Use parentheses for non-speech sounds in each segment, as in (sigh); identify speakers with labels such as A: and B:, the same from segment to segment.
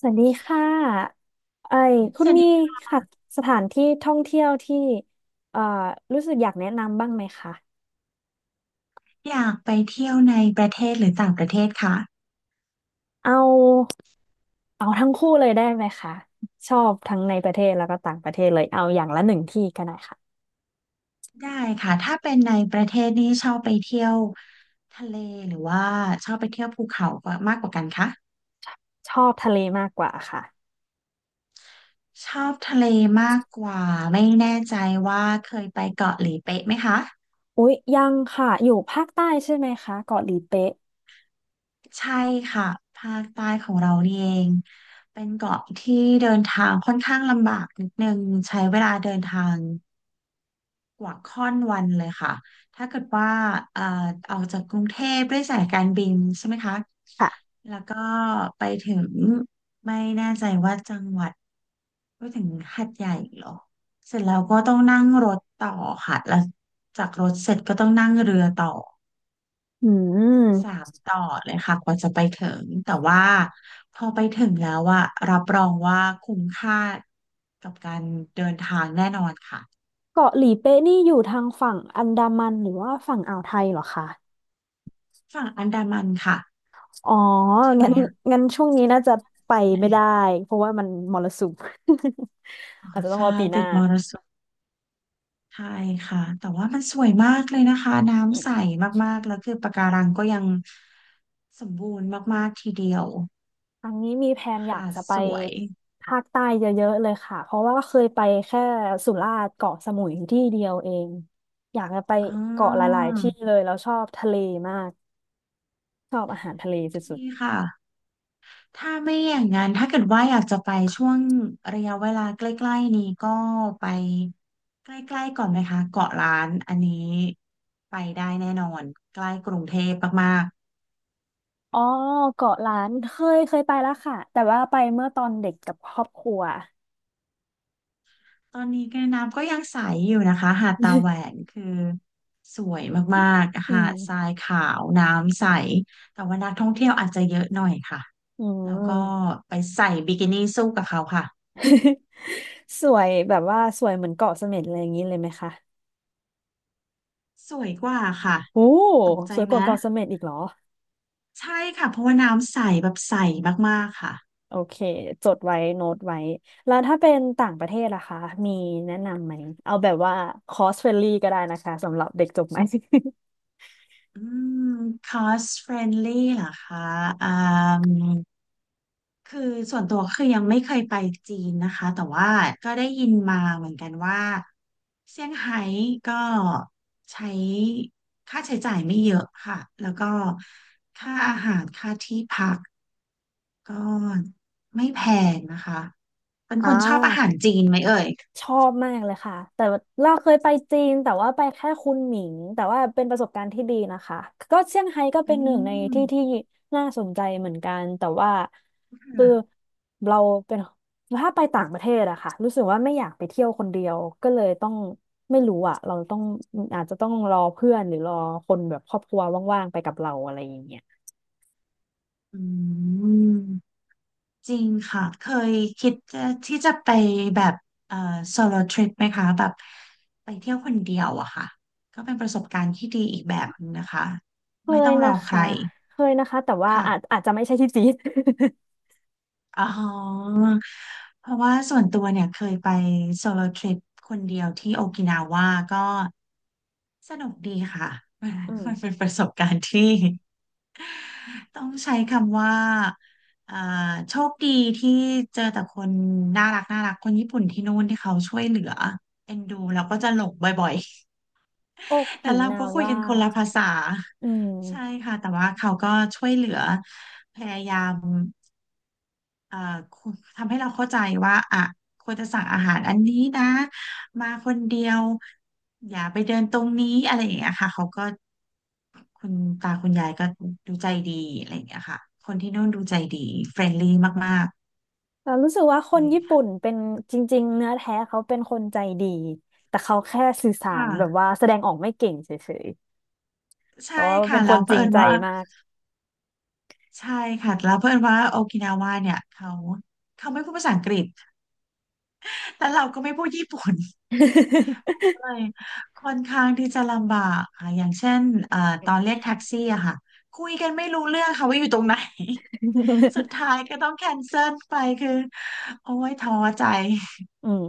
A: สวัสดีค่ะไอ้คุ
B: ส
A: ณ
B: วัส
A: มี
B: ดี
A: ค่ะสถานที่ท่องเที่ยวที่เอ่อรู้สึกอยากแนะนำบ้างไหมคะ
B: อยากไปเที่ยวในประเทศหรือต่างประเทศค่ะ
A: เอาเอาทั้งคู่เลยได้ไหมคะชอบทั้งในประเทศแล้วก็ต่างประเทศเลยเอาอย่างละหนึ่งที่ก็ได้ค่ะ
B: ได้ค่ะถ้าเป็นในประเทศนี่ชอบไปเที่ยวทะเลหรือว่าชอบไปเที่ยวภูเขากว่ามากกว่ากันคะ
A: ชอบทะเลมากกว่าค่ะ
B: ชอบทะเลมากกว่าไม่แน่ใจว่าเคยไปเกาะหลีเป๊ะไหมคะ
A: อุ๊ยยังค่ะอยู่ภาคใต้ใช่ไหมคะเกาะหลีเป๊ะ
B: ใช่ค่ะภาคใต้ของเรานี่เองเป็นเกาะที่เดินทางค่อนข้างลำบากนิดนึงใช้เวลาเดินทาง กว่าค่อนวันเลยค่ะ ถ้าเกิดว่าเอ่อออกจากกรุงเทพด้วยสายการบินใช่ไหมคะ
A: ค่ะ
B: แล้วก็ไปถึงไม่แน่ใจว่าจังหวัดไปถึงหาดใหญ่เหรอเสร็จแล้วก็ต้องนั่งรถต่อค่ะแล้วจากรถเสร็จก็ต้องนั่งเรือต่อ
A: อื
B: สา
A: ม
B: มต่อเลยค่ะกว่าจะไปถึงแต่ว่าพอไปถึงแล้วอะรับรองว่าคุ้มค่ากับการเดินทางแน่นอนค่ะ
A: เกาะหลีเป๊ะนี่อยู่ทางฝั่งอันดามันหรือว่าฝั่งอ่าวไทยเหรอคะ
B: ฝั่งอันดามันค่ะ
A: อ๋อ
B: ใช่ไหม
A: งั้น
B: อะ
A: งั้นช่วงนี้น่าจะไปไม่ได้
B: อ
A: เพราะว่ามันมรสุม
B: ๋อ
A: (laughs) อาจจะต้อง
B: ใช่
A: รอปีห
B: ติ
A: น้า
B: ดมรสุมใช่ค่ะแต่ว่ามันสวยมากเลยนะคะ
A: อื
B: น้ำ
A: ม
B: ใสมากๆแล้วคือปะการังก็ยังสมบูรณ์มากๆทีเดียว
A: ครั้งนี้มีแพลนอยาก
B: หาด
A: จะไป
B: สวย
A: ภาคใต้เยอะๆเลยค่ะเพราะว่าเคยไปแค่สุราษฎร์เกาะสมุยที่เดียวเองอยากจะไป
B: อ๋
A: เกาะห
B: อ
A: ลายๆที่เลยแล้วชอบทะเลมากชอบอาหารทะเลสุด
B: ดีค่ะถ้าไม่อย่างนั้นถ้าเกิดว่าอยากจะไปช่วงระยะเวลาใกล้ๆนี้ก็ไปใกล้ๆก่อนไหมคะเกาะล้านอันนี้ไปได้แน่นอนใกล้กรุงเทพมาก
A: ๆอ๋อเกาะล้านเคยไปแล้วค่ะแต่ว่าไปเมื่อตอนเด็กกับครอบครัว
B: ตอนนี้แกน้ำก็ยังใสอยู่นะคะหาดตาแหวน
A: (laughs)
B: คือสวยมากๆ
A: อื
B: หา
A: ม
B: ดทรายขาวน้ำใสแต่ว่านักท่องเที่ยวอาจจะเยอะหน่อยค่ะ
A: อื
B: แล้วก็
A: ม
B: ไปใส่บิกินี่สู้กับเขาค่ะ
A: (laughs) สวยแบบว่าสวยเหมือนเกาะเสม็ดอะไรอย่างนี้เลยไหมคะ
B: สวยกว่าค่ะ
A: โอ้
B: ตกใจ
A: สวยก
B: ไหม
A: ว่าเกาะเสม็ดอีกเหรอ
B: ใช่ค่ะเพราะว่าน้ำใสแบบใสมากๆค่ะ
A: โอเคจดไว้โน้ตไว้แล้วถ้าเป็นต่างประเทศล่ะคะมีแนะนำไหมเอาแบบว่าคอสเฟรนลี่ก็ได้นะคะสำหรับเด็กจบใหม่
B: อืม cost friendly เหรอคะอืม คือส่วนตัวคือยังไม่เคยไปจีนนะคะแต่ว่าก็ได้ยินมาเหมือนกันว่าเซี่ยงไฮ้ก็ใช้ค่าใช้จ่ายไม่เยอะค่ะแล้วก็ค่าอาหารค่าที่พักก็ไม่แพงนะคะเป็น
A: (laughs) อ่า
B: คนชอบอาหารจีนไหมเอ่ย
A: ชอบมากเลยค่ะแต่ว่าเราเคยไปจีนแต่ว่าไปแค่คุนหมิงแต่ว่าเป็นประสบการณ์ที่ดีนะคะก็เซี่ยงไฮ้ก็
B: อื
A: เป็นหนึ่งในที่ที่
B: ม
A: น่าสนใจเหมือนกันแต่ว่าคือ
B: ค่ะ
A: เราเป็นถ้าไปต่างประเทศอะค่ะรู้สึกว่าไม่อยากไปเที่ยวคนเดียวก็เลยต้องไม่รู้อะเราต้องอาจจะต้องรอเพื่อนหรือรอคนแบบครอบครัวว่างๆไปกับเราอะไรอย่างเงี้ย
B: อืม จริงค่ะเคยคิดจะที่จะไปแบบเอ่อโซโลทริปไหมคะแบบไปเที่ยวคนเดียวอะค่ะก็เป็นประสบการณ์ที่ดีอีกแบบนึงนะคะ
A: เค
B: ไม่
A: ย
B: ต้องร
A: นะ
B: อใคร
A: คะเคยนะคะแต่ว่า
B: ค่ะ
A: อาจจะไม่ใช่ที่จีน
B: อ๋อเพราะว่าส่วนตัวเนี่ยเคยไปโซโลทริปคนเดียวที่โอกินาว่าก็สนุกดีค่ะ (laughs)
A: (laughs) อืม
B: มันเป็นประสบการณ์ที่ ต้องใช้คำว่าอ่า โชคดีที่เจอแต่คนน่ารักน่ารักคนญี่ปุ่นที่นู่นที่เขาช่วยเหลือเอ็นดูแล้วก็จะหลงบ่อย
A: โอ
B: ๆ (laughs) แต่
A: กิ
B: เรา
A: นา
B: ก็คุย
A: ว่า
B: กันคนละภาษา
A: อืม
B: ใช่ค่ะแต่ว่าเขาก็ช่วยเหลือพยายาม เอ่อคุทำให้เราเข้าใจว่าอ่ะควรจะสั่งอาหารอันนี้นะมาคนเดียวอย่าไปเดินตรงนี้อะไรอย่างเงี้ยค่ะเขาก็คุณตาคุณยายก็ดูใจดีอะไรอย่างเงี้ยค่ะคนที่นู่นดูใจดีเฟรนลี่มาก
A: เรารู้สึกว่าค
B: ๆ
A: น
B: เลย
A: ญี่
B: ค่ะ
A: ปุ่นเป็นจริงๆเนื้อแท้เขาเป็นคนใจดีแต่เขาแค่สื่อสารแบบ
B: ค่ะ
A: ว่าแสดงออกไม่เก่งเฉยๆเพ
B: ใช่
A: ราะว่า
B: ค่ะ
A: เป็นค
B: แล้ว
A: น
B: เผ
A: จริง
B: อิญ
A: ใจ
B: ว่า
A: มาก
B: ใช่ค่ะแล้วเผอิญว่าโอกินาวาเนี่ยเขาเขาไม่พูดภาษาอังกฤษ (laughs) แล้วเราก็ไม่พูดญี่ปุ่น ยค่อนข้างที่จะลำบากค่ะอย่างเช่นเอ่อตอนเรียกแท็กซี่อะค่ะ คุยกันไม่รู้เรื่องค่ะว่าอยู่ตรงไหน (laughs) สุ
A: (laughs)
B: ดท้ายก็ต้องแคนเซิลไปคือ โอ้ยท้อใจ
A: อืม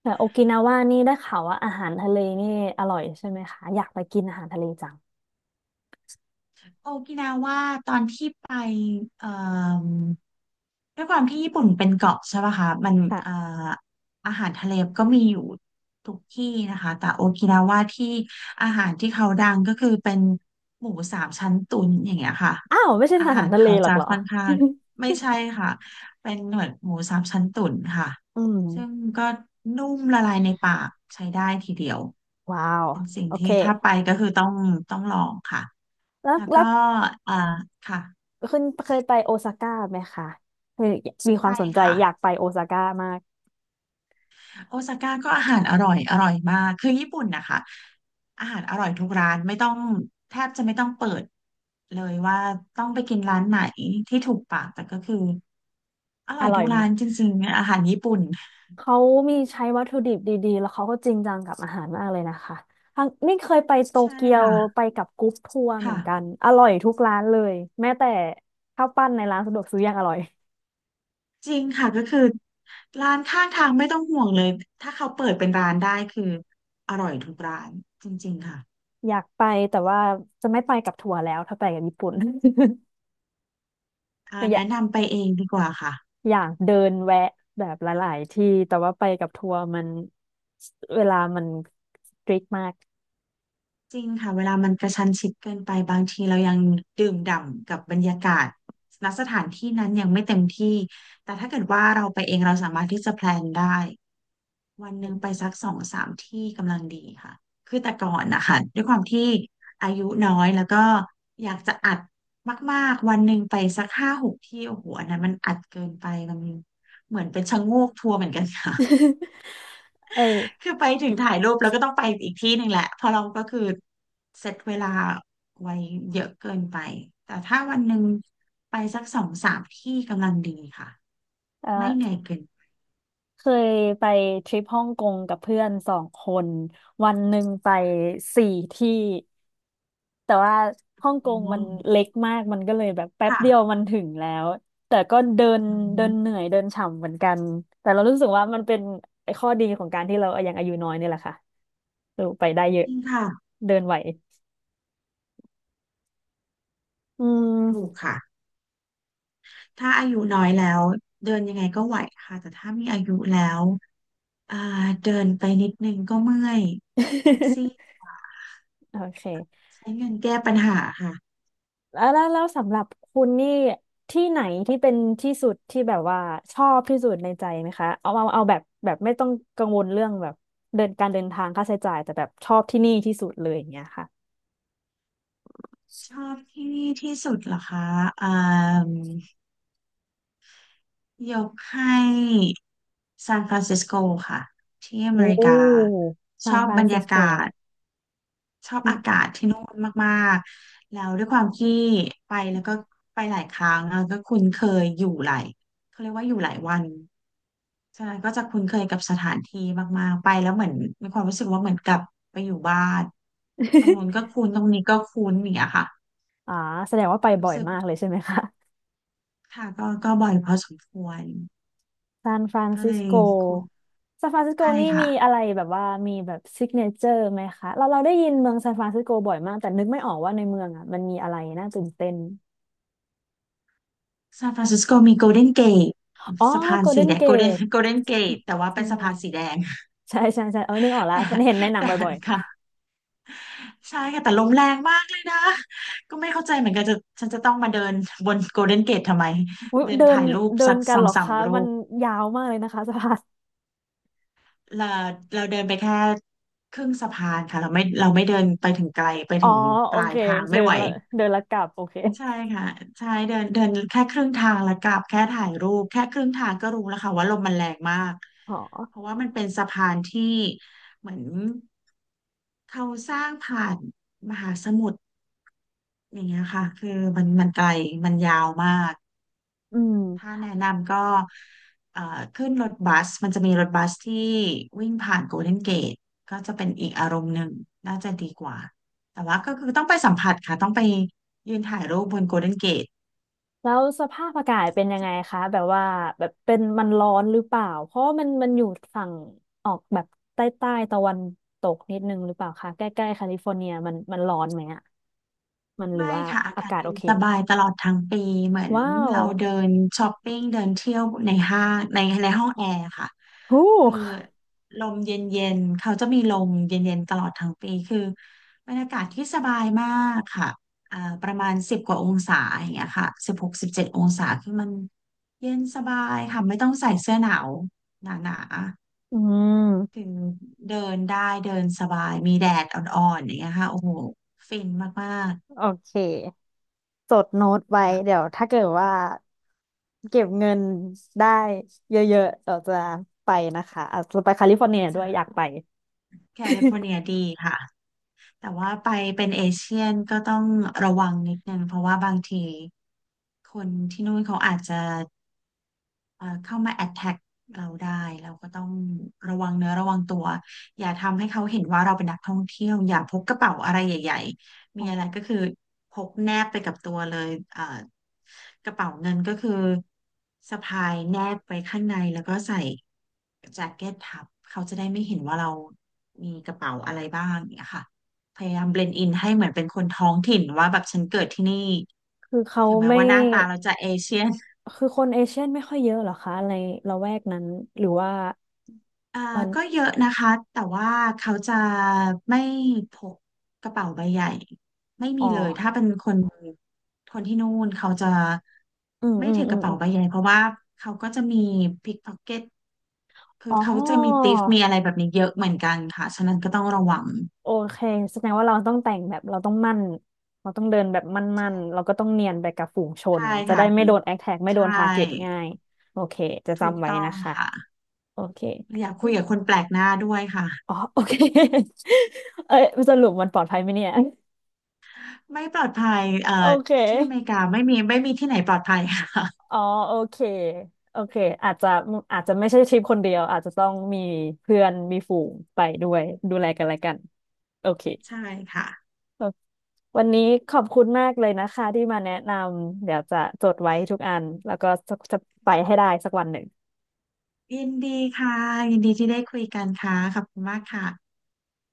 A: แต่โอกินาว่านี่ได้ข่าวว่าอาหารทะเลนี่อร่อยใช่ไหมคะอยากไปกินอาหารทะเลจัง
B: โอกินาว่าตอนที่ไปเอ่อ ด้วยความที่ญี่ปุ่นเป็นเกาะใช่ปะคะมันเอ่อ
A: ค่ะ
B: อาหารทะเลก็มีอยู่ทุกที่นะคะแต่โอกินาว่าที่อาหารที่เขาดังก็คือเป็นหมูสามชั้นตุ๋นอย่างเงี้ยค่ะ
A: อ้าวไม่ใช่
B: อา
A: อา
B: หา
A: หาร
B: ร
A: ทะเล
B: เขา
A: หรอ
B: จะ
A: กเหรอ
B: ค่อนข้างไม่ใช่ค่ะเป็นเหมือนหมูสามชั้นตุ๋นค่ะ
A: (laughs) อืม
B: ซึ่งก็นุ่มละลายในปากใช้ได้ทีเดียว
A: ว้าว
B: เป็นสิ่ง
A: โอเค
B: ที่ถ้าไปก็คือต้องต้องลองค่ะ
A: แล้ว
B: แล้ว
A: แล้
B: ก็
A: ว
B: อ่าค่ะ
A: คุณเคยไปโอซาก้าไหมคะเคยมีค
B: ไป
A: วามสนใจ
B: ค่ะ
A: อยากไปโอซาก้ามาก
B: โอซาก้าก็อาหารอร่อยอร่อยมากคือญี่ปุ่นนะคะอาหารอร่อยทุกร้านไม่ต้องแทบจะไม่ต้องเปิดเลยว่าต้องไปกินร้านไหนที่ถูกปากแต่ก็คืออร่
A: อ
B: อย
A: ร่อ
B: ทุ
A: ย
B: ก
A: ไหม
B: ร้านจริงๆอาหารญี่ปุ่น
A: เขามีใช้วัตถุดิบดีๆแล้วเขาก็จริงจังกับอาหารมากเลยนะคะทางนี่เคยไปโต
B: ใช่
A: เกียว
B: ค่ะ
A: ไปกับกรุ๊ปทัวร์เหมือ
B: ค่ะ
A: นกันอร่อยทุกร้านเลยแม้แต่ข้าวปั้นในร้านสะดวกซื้อยังอร่อย
B: จริงค่ะก็คือร้านข้างทางไม่ต้องห่วงเลยถ้าเขาเปิดเป็นร้านได้คืออร่อยทุกร้านจริงๆค่ะ
A: อยากไปแต่ว่าจะไม่ไปกับทัวร์แล้วถ้าไปกับญี่ปุ่น (laughs) อยาก
B: แนะนำไปเองดีกว่าค่ะ
A: อยากเดินแวะแบบหลายๆที่แต่ว่าไปกับทัวร์มันเวลามันสตริกมาก
B: จริงค่ะเวลามันกระชั้นชิดเกินไปบางทีเรายังดื่มด่ำกับบรรยากาศณสถานที่นั้นยังไม่เต็มที่แต่ถ้าเกิดว่าเราไปเองเราสามารถที่จะแพลนได้วันหนึ่งไป
A: (laughs)
B: สักสองสามที่กำลังดีค่ะคือแต่ก่อนนะคะด้วยความที่อายุน้อยแล้วก็อยากจะอัดมากๆวันหนึ่งไปสักห้าหกที่โอ้โหอันนั้นมันอัดเกินไปมันเหมือนเป็นชะโงกทัวร์เหมือนกันค่ะ
A: (laughs) เอ้ย
B: คือไปถึงถ่ายรูปแล้วก็ต้องไปอีกที่หนึ่งแหละเพราะเราก็คือเซตเวลาไว้เยอะเกินไปแต่ถ้าวันหนึ่งไปสักสองสามที่กำลังดีค่ะ
A: เออ
B: ไม่เหนื่อยเกินไป
A: เคยไปทริปฮ่องกงกับเพื่อนสองคนวันหนึ่งไปสี่ที่แต่ว่าฮ่องกง
B: อ๋อ
A: มันเล็กมากมันก็เลยแบบแป๊บเดียว
B: ค่ะ
A: มันถึงแล้วแต่ก็เดิน
B: อื
A: เดินเห
B: ม
A: นื่อยเดินฉ่ำเหมือนกันแต่เรารู้สึกว่ามันเป็นไอ้ข้อดีของการที่เรายังอายุน้อยนี่แหละค่ะเออไปได้เยอะ
B: จริงค่ะ
A: เดินไหวอื
B: ถูก
A: ม
B: ค่ะถ้าอายุน้อยแล้วเดินยังไงก็ไหวค่ะแต่ถ้ามีอายุแล้วอ่าเดินไปนิดนึงก็เมื่อยแท็กซี่
A: (laughs) โอเค
B: ใช้เงินแก้ปัญหาค่ะ
A: แล้วสำหรับคุณนี่ที่ไหนที่เป็นที่สุดที่แบบว่าชอบที่สุดในใจไหมคะเอาแบบแบบไม่ต้องกังวลเรื่องแบบเดินการเดินทางค่าใช้จ่ายแต่แบบชอบที่นี่ที่สุดเลยอย่างเงี้ยค่ะ
B: ชอบที่นี่ที่สุดเหรอคะอ่า ยกให้ซานฟรานซิสโกค่ะที่อ
A: โอ้
B: เมริกาช
A: ซาน
B: อบ
A: ฟรา
B: บร
A: น
B: ร
A: ซิ
B: ยา
A: สโก
B: กาศชอ
A: (laughs)
B: บ
A: อืม
B: อากาศที่นู่นมากๆแล้วด้วยความที่ไปแล้วก็ไปหลายครั้งแล้วก็คุ้นเคยอยู่หลายเขาเรียกว่าอยู่หลายวันฉะนั้นก็จะคุ้นเคยกับสถานที่มากๆไปแล้วเหมือนมีความรู้สึกว่าเหมือนกลับไปอยู่บ้านตรงนู้นก็
A: (laughs)
B: คุ้นตรงนี้ก็คุ้นอย่างเงี้ยค่ะ
A: อ่าแสดงว่าไปบ่
B: รู้
A: อย
B: สึก
A: มากเลยใช่ไหมคะ
B: ค่ะก็บ่อยพอสมควร
A: ซานฟราน
B: ก็เล
A: ซิส
B: ย
A: โก
B: คุ้น
A: ซานฟรานซิสโก
B: ใช่
A: นี่
B: ค่ะ
A: มีอะไรแบบว่ามีแบบซิกเนเจอร์ไหมคะเราเราได้ยินเมืองซานฟรานซิสโกบ่อยมากแต่นึกไม่ออกว่าในเมืองอ่ะมันมีอะไรน่าตื่นเต้น
B: ซานฟรานซิสโกมีโกลเด้นเกต
A: อ๋อ
B: สะพาน
A: โกลเด้
B: สี
A: น
B: แดง
A: เก
B: โกลเด้น
A: ต
B: โกลเด้นเกตแต่ว่า
A: จริ
B: เป็น
A: ง
B: สะ
A: ด้ว
B: พา
A: ย
B: นสีแดง
A: ใช่ใช่ใช่เออนึกออกแล้วมันเห็นใน
B: (laughs)
A: หนั
B: แต่
A: ง
B: แต่
A: บ่อย
B: ค่ะใช่ค่ะแต่ลมแรงมากเลยนะก็ไม่เข้าใจเหมือนกันฉันจะต้องมาเดินบนโกลเด้นเกตทำไม
A: ๆอุ๊ย
B: เดิน
A: เดิน
B: ถ่ายรูป
A: เดิ
B: สั
A: น
B: ก
A: กั
B: ส
A: น
B: อ
A: เห
B: ง
A: รอ
B: สาม
A: คะ
B: รู
A: มัน
B: ป
A: ยาวมากเลยนะคะ (laughs) สะพาน
B: เราเราเดินไปแค่ครึ่งสะพานค่ะเราไม่เดินไปถึงไกลไป
A: อ๋อ
B: ถึงป
A: โอ
B: ลาย
A: เค
B: ทางไม่
A: เดิน
B: ไหว
A: ละเดินละกลับโอเค
B: ใช่ค่ะใช่เดินเดินแค่ครึ่งทางแล้วกลับแค่ถ่ายรูปแค่ครึ่งทางก็รู้แล้วค่ะว่าลมมันแรงมาก
A: อ๋อ
B: เพราะว่ามันเป็นสะพานที่เหมือนเขาสร้างผ่านมหาสมุทรอย่างเงี้ยค่ะคือมันไกลมันยาวมาก
A: อืม
B: ถ้าแนะนำก็เอ่อขึ้นรถบัสมันจะมีรถบัสที่วิ่งผ่านโกลเด้นเกตก็จะเป็นอีกอารมณ์หนึ่งน่าจะดีกว่าแต่ว่าก็คือต้องไปสัมผัสค่ะต้องไปยืนถ่ายรูปบนโกลเด้นเกต
A: แล้วสภาพอากาศเป็นยังไงคะ แบบว่าแบบเป็นมันร้อนหรือเปล่า เพราะว่ามันมันอยู่ฝั่งออกแบบใต้ใต้ตะวันตกนิดนึงหรือเปล่าคะใกล้ๆแคลิฟอร์เนียมันมันร้อนไหมอะมันหรื
B: ไม่
A: อว่า
B: ค่ะอา
A: อา
B: กาศ
A: กาศ
B: เย็
A: โอ
B: น
A: เค
B: สบายตลอดทั้งปีเหมือน
A: ว้าว
B: เราเดินช้อปปิ้งเดินเที่ยวในห้างในห้องแอร์ค่ะ
A: ฮู้
B: คือลมเย็นๆเขาจะมีลมเย็นๆตลอดทั้งปีคือบรรยากาศที่สบายมากค่ะประมาณ10 กว่าองศาอย่างเงี้ยค่ะ16 17 องศาคือมันเย็นสบายค่ะไม่ต้องใส่เสื้อหนาวหนา
A: อื
B: ๆ
A: ม
B: คือเดินได้เดินสบายมีแดดอ่อนๆอย่างเงี้ยค่ะโอ้โหฟินมาก
A: โอเคจดโน้ต
B: ๆค
A: ไว้เดี๋ยวถ้าเกิดว่าเก็บเงินได้เยอะๆเราจะไปนะคะอาจจะไปแคลิฟอร์เนียด้
B: ่ะ
A: วยอยากไป
B: แคลิฟอร์เนียดีค่ะแต่ว่าไปเป็นเอเชียนก็ต้องระวังนิดนึงเพราะว่าบางทีคนที่นู่นเขาอาจจะ เข้ามา attack เราได้เราก็ต้องระวังเนื้อระวังตัวอย่าทำให้เขาเห็นว่าเราเป็นนักท่องเที่ยวอย่าพกกระเป๋าอะไรใหญ่ๆมี
A: อ๋
B: อะไร
A: อ
B: ก็คือพกแนบไปกับตัวเลยกระเป๋าเงินก็คือสะพายแนบไปข้างในแล้วก็ใส่แจ็คเก็ตทับเขาจะได้ไม่เห็นว่าเรามีกระเป๋าอะไรบ้างเนี่ยค่ะพยายามเบลนด์อินให้เหมือนเป็นคนท้องถิ่นว่าแบบฉันเกิดที่นี่
A: คือเขา
B: ถึงแม้
A: ไม่
B: ว่าหน้าตาเราจะเอเชียน
A: คือคนเอเชียนไม่ค่อยเยอะเหรอคะในละแวกนั้นหรือว่า
B: อ่า
A: มัน
B: ก็เยอะนะคะแต่ว่าเขาจะไม่พกกระเป๋าใบใหญ่ไม่
A: อ๋
B: มี
A: อ
B: เลยถ้าเป็นคนคนที่นู่นเขาจะ
A: อืม
B: ไม่
A: อืม
B: ถือ
A: อื
B: ก
A: ม
B: ระ
A: อ
B: เป๋า
A: ม
B: ใบใหญ่เพราะว่าเขาก็จะมีพิกพ็อกเก็ตคื
A: อ๋
B: อ
A: อ
B: เขาจะมีติฟมีอะไรแบบนี้เยอะเหมือนกันค่ะฉะนั้นก็ต้องระวัง
A: โอเคแสดงว่าเราต้องแต่งแบบเราต้องมั่นเราต้องเดินแบบมั่น
B: ใ
A: ๆเราก็ต้องเนียนไปกับฝูงชน
B: ช่
A: จะ
B: ค่ะ
A: ได้ไม่โดนแอคแท็กไม่โดน
B: ใช่
A: ทาร์เก็ตง่ายโอเคจะ
B: ถูก
A: จำไว้
B: ต้อง
A: นะคะ
B: ค่ะ
A: โอเค
B: อยากคุยกับคนแปลกหน้าด้วยค่ะ
A: อ๋อโอเค (laughs) เอ้ยสรุปมันปลอดภัยไหมเนี่ย
B: ไม่ปลอดภัย
A: โอเค
B: ที่อเมริกาไม่มีไม่มีที่ไหนปลอดภัยค่ะ
A: อ๋อโอเคโอเคอาจจะอาจจะไม่ใช่ทริปคนเดียวอาจจะต้องมีเพื่อนมีฝูงไปด้วยดูแลกันและกันโอเค
B: (laughs) ใช่ค่ะ
A: วันนี้ขอบคุณมากเลยนะคะที่มาแนะนำเดี๋ยวจะจดไว้ทุกอันแล้วก็จะไปให้ได้สักวันหนึ่ง
B: ยินดีค่ะ ยินดีที่ได้คุยกันค่ะ ขอบคุณมากค่ะ